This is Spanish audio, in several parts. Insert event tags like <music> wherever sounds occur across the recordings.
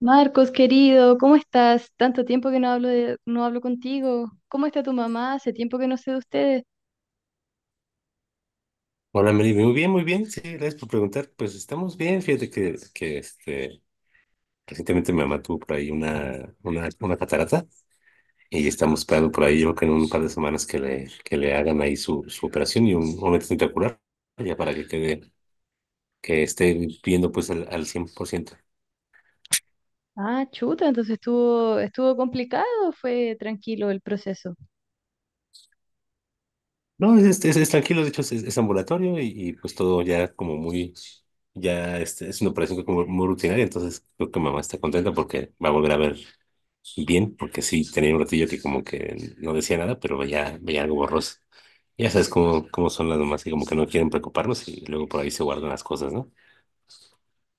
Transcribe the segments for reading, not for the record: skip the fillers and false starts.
Marcos, querido, ¿cómo estás? Tanto tiempo que no no hablo contigo. ¿Cómo está tu mamá? Hace tiempo que no sé de ustedes. Hola, Mary. Muy bien, muy bien. Sí, gracias por preguntar. Pues estamos bien. Fíjate que recientemente mi mamá tuvo por ahí una catarata y estamos esperando por ahí, yo creo que en un par de semanas que le hagan ahí su operación y un momento espectacular ya para que quede, que esté viendo pues al 100%. Ah, chuta, entonces estuvo complicado, o fue tranquilo el proceso. No, es tranquilo. De hecho, es ambulatorio y pues todo ya como muy, ya es una operación como muy rutinaria, entonces creo que mamá está contenta porque va a volver a ver bien, porque sí, tenía un ratillo que como que no decía nada, pero veía algo borroso. Ya sabes cómo son las mamás que como que no quieren preocuparnos y luego por ahí se guardan las cosas, ¿no?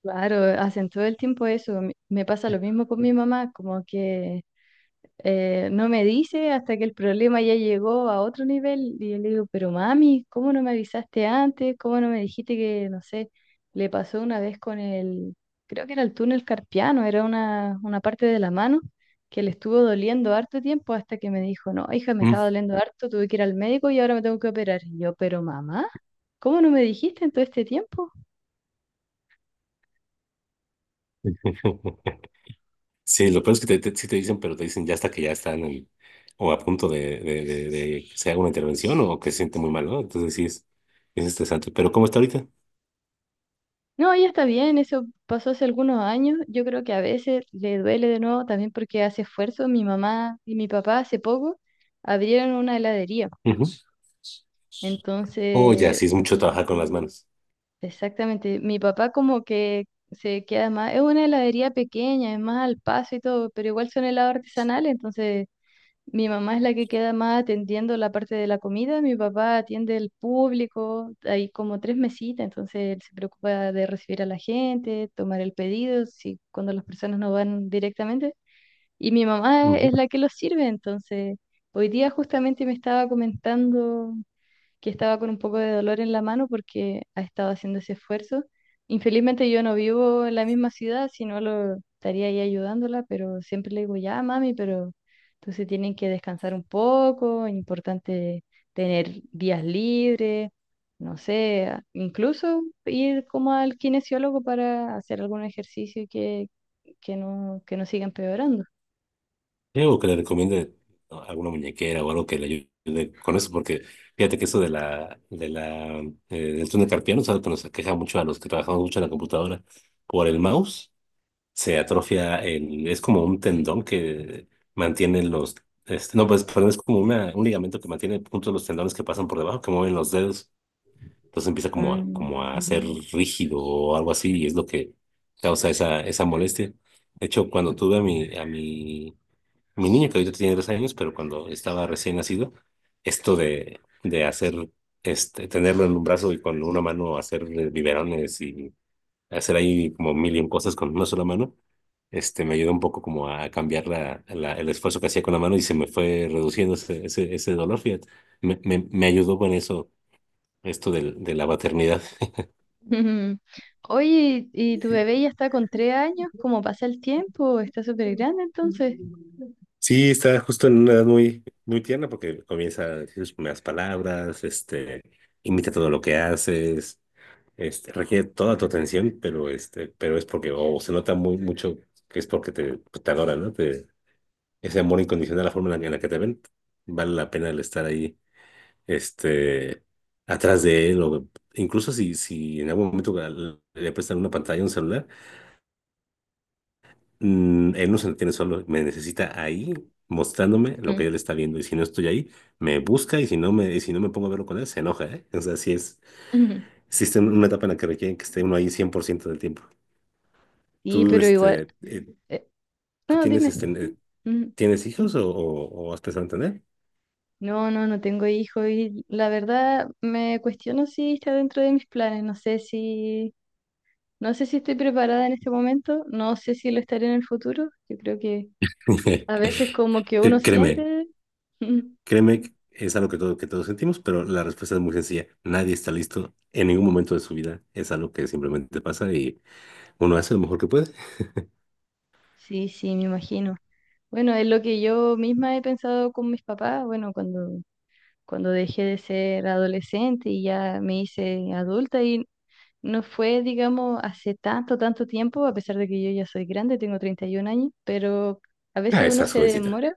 Claro, hacen todo el tiempo eso. Me pasa lo mismo con mi mamá, como que no me dice hasta que el problema ya llegó a otro nivel. Y yo le digo, pero mami, ¿cómo no me avisaste antes? ¿Cómo no me dijiste que, no sé, le pasó una vez con el, creo que era el túnel carpiano, era una parte de la mano que le estuvo doliendo harto tiempo hasta que me dijo, no, hija, me Mm. estaba doliendo harto, tuve que ir al médico y ahora me tengo que operar. Y yo, pero mamá, ¿cómo no me dijiste en todo este tiempo? <laughs> Sí, lo peor es que sí te dicen, pero te dicen ya hasta que ya están en- o a punto de que se haga una intervención o que se siente muy mal, ¿no? Entonces sí es estresante. Pero ¿cómo está ahorita? No, ella está bien, eso pasó hace algunos años. Yo creo que a veces le duele de nuevo también porque hace esfuerzo. Mi mamá y mi papá hace poco abrieron una heladería. Ujú. Oh, ya, Entonces, sí es mucho trabajar con las manos. exactamente, mi papá como que se queda más, es una heladería pequeña, es más al paso y todo, pero igual son helados artesanales, entonces mi mamá es la que queda más atendiendo la parte de la comida, mi papá atiende el público, hay como tres mesitas, entonces él se preocupa de recibir a la gente, tomar el pedido, si cuando las personas no van directamente, y mi mamá es la que los sirve, entonces hoy día justamente me estaba comentando que estaba con un poco de dolor en la mano porque ha estado haciendo ese esfuerzo. Infelizmente yo no vivo en la misma ciudad, si no lo estaría ahí ayudándola, pero siempre le digo, ya, mami, pero entonces tienen que descansar un poco, es importante tener días libres, no sé, incluso ir como al kinesiólogo para hacer algún ejercicio que no siga empeorando. Sí, o que le recomiende, ¿no?, alguna muñequera o algo que le ayude con eso, porque fíjate que eso de del túnel carpiano es algo que nos aqueja mucho a los que trabajamos mucho en la computadora. Por el mouse se atrofia el, es como un tendón que mantiene los, no, pues, perdón, es como una, un ligamento que mantiene juntos los tendones que pasan por debajo, que mueven los dedos. Entonces empieza Mm. como a ser rígido o algo así, y es lo que causa esa molestia. De hecho, cuando tuve a mi niño que ahorita tiene 2 años, pero cuando estaba recién nacido, esto de hacer, tenerlo en un brazo y con una mano hacer biberones y hacer ahí como mil y un cosas con una sola mano, me ayudó un poco como a cambiar el esfuerzo que hacía con la mano y se me fue reduciendo ese dolor, fíjate. Me me ayudó con eso, esto del- de la paternidad. Ujú. Oye, ¿y tu bebé ya está con 3 años? ¿Cómo pasa el tiempo? Está súper grande entonces. Sí, está justo en una edad muy tierna porque comienza a decir sus primeras palabras, imita todo lo que haces, requiere toda tu atención, pero pero es porque, o se nota muy mucho que es porque te, pues, te adora, ¿no? Te- ese amor incondicional, la forma en la que te ven, vale la pena el estar ahí, este, atrás de él, o incluso si en algún momento le prestan una pantalla, un celular. Mm, él no se entiende solo, me necesita ahí mostrándome lo Ujú. que él está viendo y si no estoy ahí, me busca y si no me pongo a verlo con él, se enoja, ¿eh? O sea, sí es, Ujú. existe una etapa en la que requieren que esté uno ahí 100% del tiempo. Sí, ¿Tú, pero igual... eh, tú no, tienes, dime. Ujú. tienes hijos o has pensado en tener? No, no, no tengo hijo y la verdad me cuestiono si está dentro de mis planes. No sé si... No sé si estoy preparada en este momento, no sé si lo estaré en el futuro. Yo creo que <laughs> a veces como que uno Créeme, siente... <laughs> Ujú. créeme, que es algo que, todo, que todos sentimos, pero la respuesta es muy sencilla. Nadie está listo en ningún momento de su vida. Es algo que simplemente pasa y uno hace lo mejor que puede. Sí, sí, me imagino. Bueno, es lo que yo misma he pensado con mis papás, bueno, cuando cuando dejé de ser adolescente y ya me hice adulta y no fue, digamos, hace tanto, tanto tiempo, a pesar de que yo ya soy grande, tengo 31 años, pero a Ah, veces uno estás se jovencita. demora,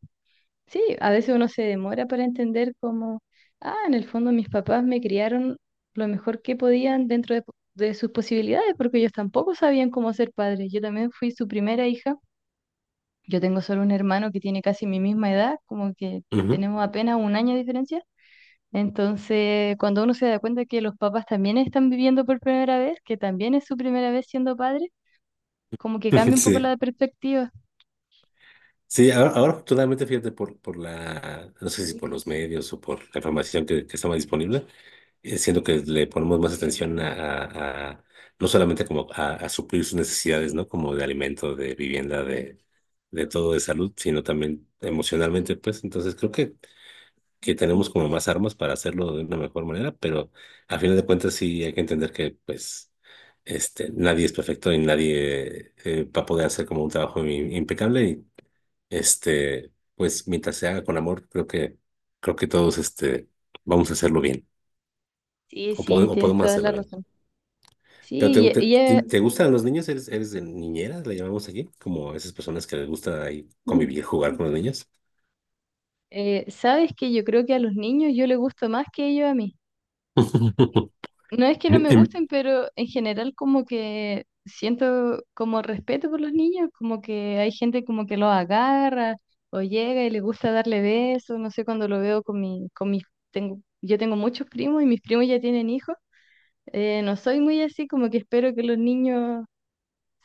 sí, a veces uno se demora para entender cómo, ah, en el fondo mis papás me criaron lo mejor que podían dentro de, de sus posibilidades, porque ellos tampoco sabían cómo ser padres. Yo también fui su primera hija. Yo tengo solo un hermano que tiene casi mi misma edad, como que Ujú. tenemos apenas 1 año de diferencia. Entonces, cuando uno se da cuenta que los papás también están viviendo por primera vez, que también es su primera vez siendo padre, como que <laughs> cambia un poco Sí. la perspectiva. Sí, ahora afortunadamente, fíjate, por la, no sé si por los medios o por la información que está más disponible, siento que le ponemos más atención a- no solamente como a suplir sus necesidades, ¿no? Como de alimento, de vivienda, de todo, de salud, sino también emocionalmente, pues. Entonces que tenemos como más armas para hacerlo de una mejor manera, pero a final de cuentas sí hay que entender que, pues, nadie es perfecto y nadie va a poder hacer como un trabajo im- impecable, pues mientras se haga con amor, creo que todos vamos a hacerlo bien, Sí, sí, o tienes podemos toda la hacerlo bien. razón. ¿Pero te, Sí, te gustan los niños? ¿Eres, eres de niñeras, le llamamos aquí? Como esas personas que les gusta ahí convivir, <laughs> jugar con los niños. Sabes que yo creo que a los niños yo les gusto más que ellos a mí. <laughs> No es que no me En, gusten, pero en general como que siento como respeto por los niños, como que hay gente como que los agarra o llega y le gusta darle besos, no sé, cuando lo veo con mi, con mis, tengo, yo tengo muchos primos y mis primos ya tienen hijos, no soy muy así, como que espero que los niños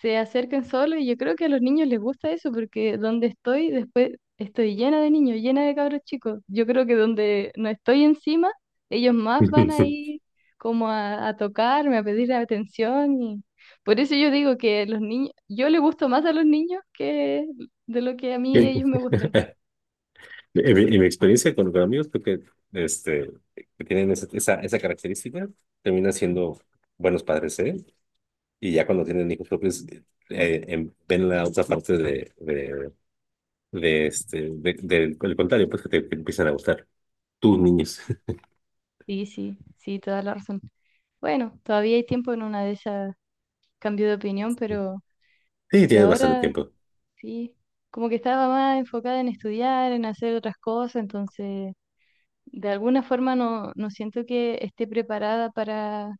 se acerquen solos y yo creo que a los niños les gusta eso porque donde estoy después estoy llena de niños, llena de cabros chicos. Yo creo que donde no estoy encima, ellos más van a <laughs> ir como a tocarme, a pedir atención y por eso yo digo que los niños, yo le gusto más a los niños que de lo que a mí en- ellos me gustan. En mi experiencia con amigos, creo que, este, que tienen esa característica, terminan siendo buenos padres, ¿eh? Y ya cuando tienen hijos propios, ven la otra parte de del del contrario, pues que te, que empiezan a gustar tus niños. <laughs> Sí, sí, sí, toda la razón. Bueno, todavía hay tiempo en una de esas cambio de opinión, Sí, pero tienes bastante ahora tiempo. sí, como que estaba más enfocada en estudiar, en hacer otras cosas, entonces de alguna forma no, no siento que esté preparada para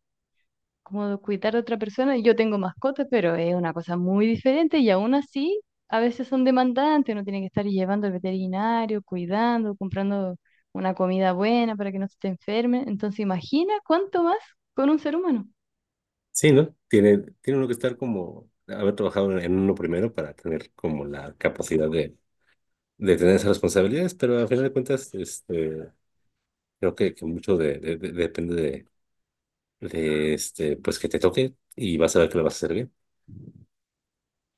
como cuidar a otra persona. Yo tengo mascotas, pero es una cosa muy diferente y aún así a veces son demandantes, uno tiene que estar llevando al veterinario, cuidando, comprando una comida buena para que no se te enferme. Entonces imagina cuánto más con un ser humano. Sí, ¿no? Tiene, tiene uno que estar como, haber trabajado en uno primero para tener como la capacidad de tener esas responsabilidades, pero al final de cuentas, creo que mucho de- depende de, pues que te toque y vas a ver que lo vas a hacer bien.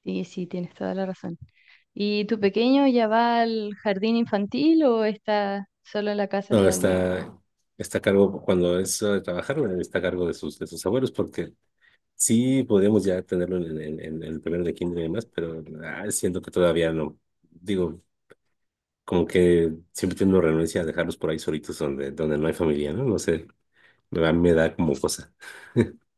Sí, sí, tienes toda la razón. ¿Y tu pequeño ya va al jardín infantil o está solo en la casa No, todavía? está, está a cargo, cuando es hora de trabajar, está a cargo de sus abuelos, porque sí, podríamos ya tenerlo en el primero de kinder y demás, pero siento que todavía no. Digo, como que siempre tengo renuncia a dejarlos por ahí solitos donde, donde no hay familia, ¿no? No sé, a mí me da como cosa. <laughs>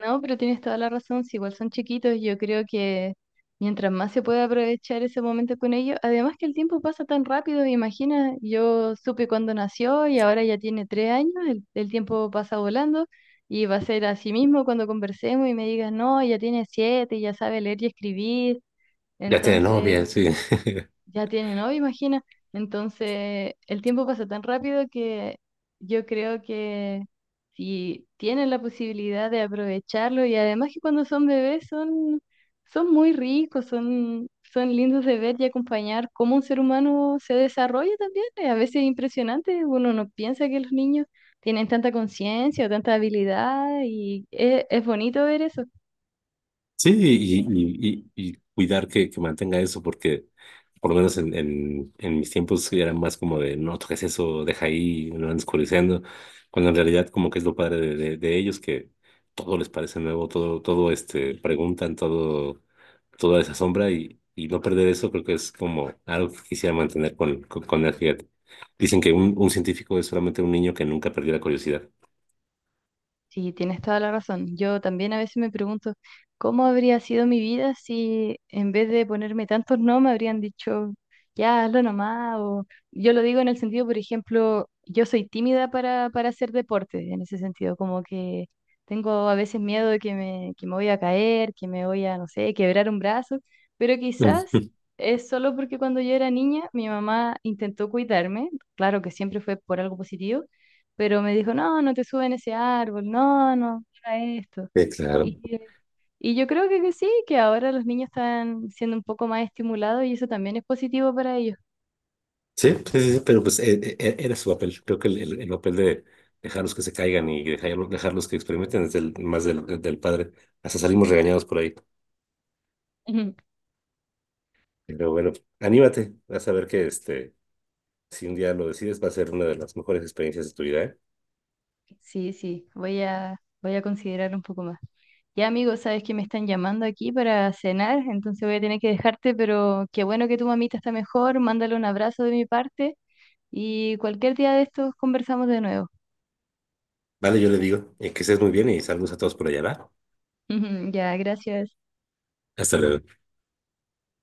No, pero tienes toda la razón, si igual son chiquitos, yo creo que mientras más se puede aprovechar ese momento con ellos, además que el tiempo pasa tan rápido, imagina, yo supe cuando nació y ahora ya tiene 3 años, el tiempo pasa volando y va a ser así mismo cuando conversemos y me digas, no, ya tiene 7, ya sabe leer y escribir, Ya tiene novia, entonces... sí. Ya tiene novio, imagina. Entonces, el tiempo pasa tan rápido que yo creo que si tienen la posibilidad de aprovecharlo y además que cuando son bebés son, son muy ricos, son, son lindos de ver y acompañar cómo un ser humano se desarrolla también. A veces es impresionante, uno no piensa que los niños tienen tanta conciencia o tanta habilidad y es bonito ver eso. Sí, y cuidar que mantenga eso, porque por lo menos en mis tiempos era más como de no toques eso, deja ahí, lo van oscureciendo, cuando en realidad como que es lo padre de ellos, que todo les parece nuevo, todo, todo preguntan, todo, toda esa sombra y no perder eso creo que es como algo que quisiera mantener con él, fíjate. Dicen que un científico es solamente un niño que nunca perdió la curiosidad. Sí, tienes toda la razón. Yo también a veces me pregunto cómo habría sido mi vida si en vez de ponerme tantos no me habrían dicho ya hazlo nomás. O yo lo digo en el sentido, por ejemplo, yo soy tímida para hacer deporte, en ese sentido, como que tengo a veces miedo de que me voy a caer, que me voy a, no sé, quebrar un brazo, pero quizás <laughs> es solo porque cuando yo era niña mi mamá intentó cuidarme, claro que siempre fue por algo positivo pero me dijo, no, no te suben ese árbol, no, no, mira esto. Sí, claro. Y, eh, y yo creo que sí, que ahora los niños están siendo un poco más estimulados y eso también es positivo para ellos. Sí, sí, sí, sí, pero pues era su papel. Creo que el papel de dejarlos que se caigan y dejarlos, dejarlos que experimenten es el, más del, del padre. Hasta salimos regañados por ahí. <laughs> Ujú. Pero bueno, anímate. Vas a ver que si un día lo decides, va a ser una de las mejores experiencias de tu vida, ¿eh? Sí, sí, voy a considerar un poco más. Ya, amigo, sabes que me están llamando aquí para cenar, entonces voy a tener que dejarte, pero qué bueno que tu mamita está mejor, mándale un abrazo de mi parte y cualquier día de estos conversamos de nuevo. Vale, yo le digo. Que estés muy bien y saludos a todos por allá, ¿va? <laughs> Ya, gracias. Hasta luego.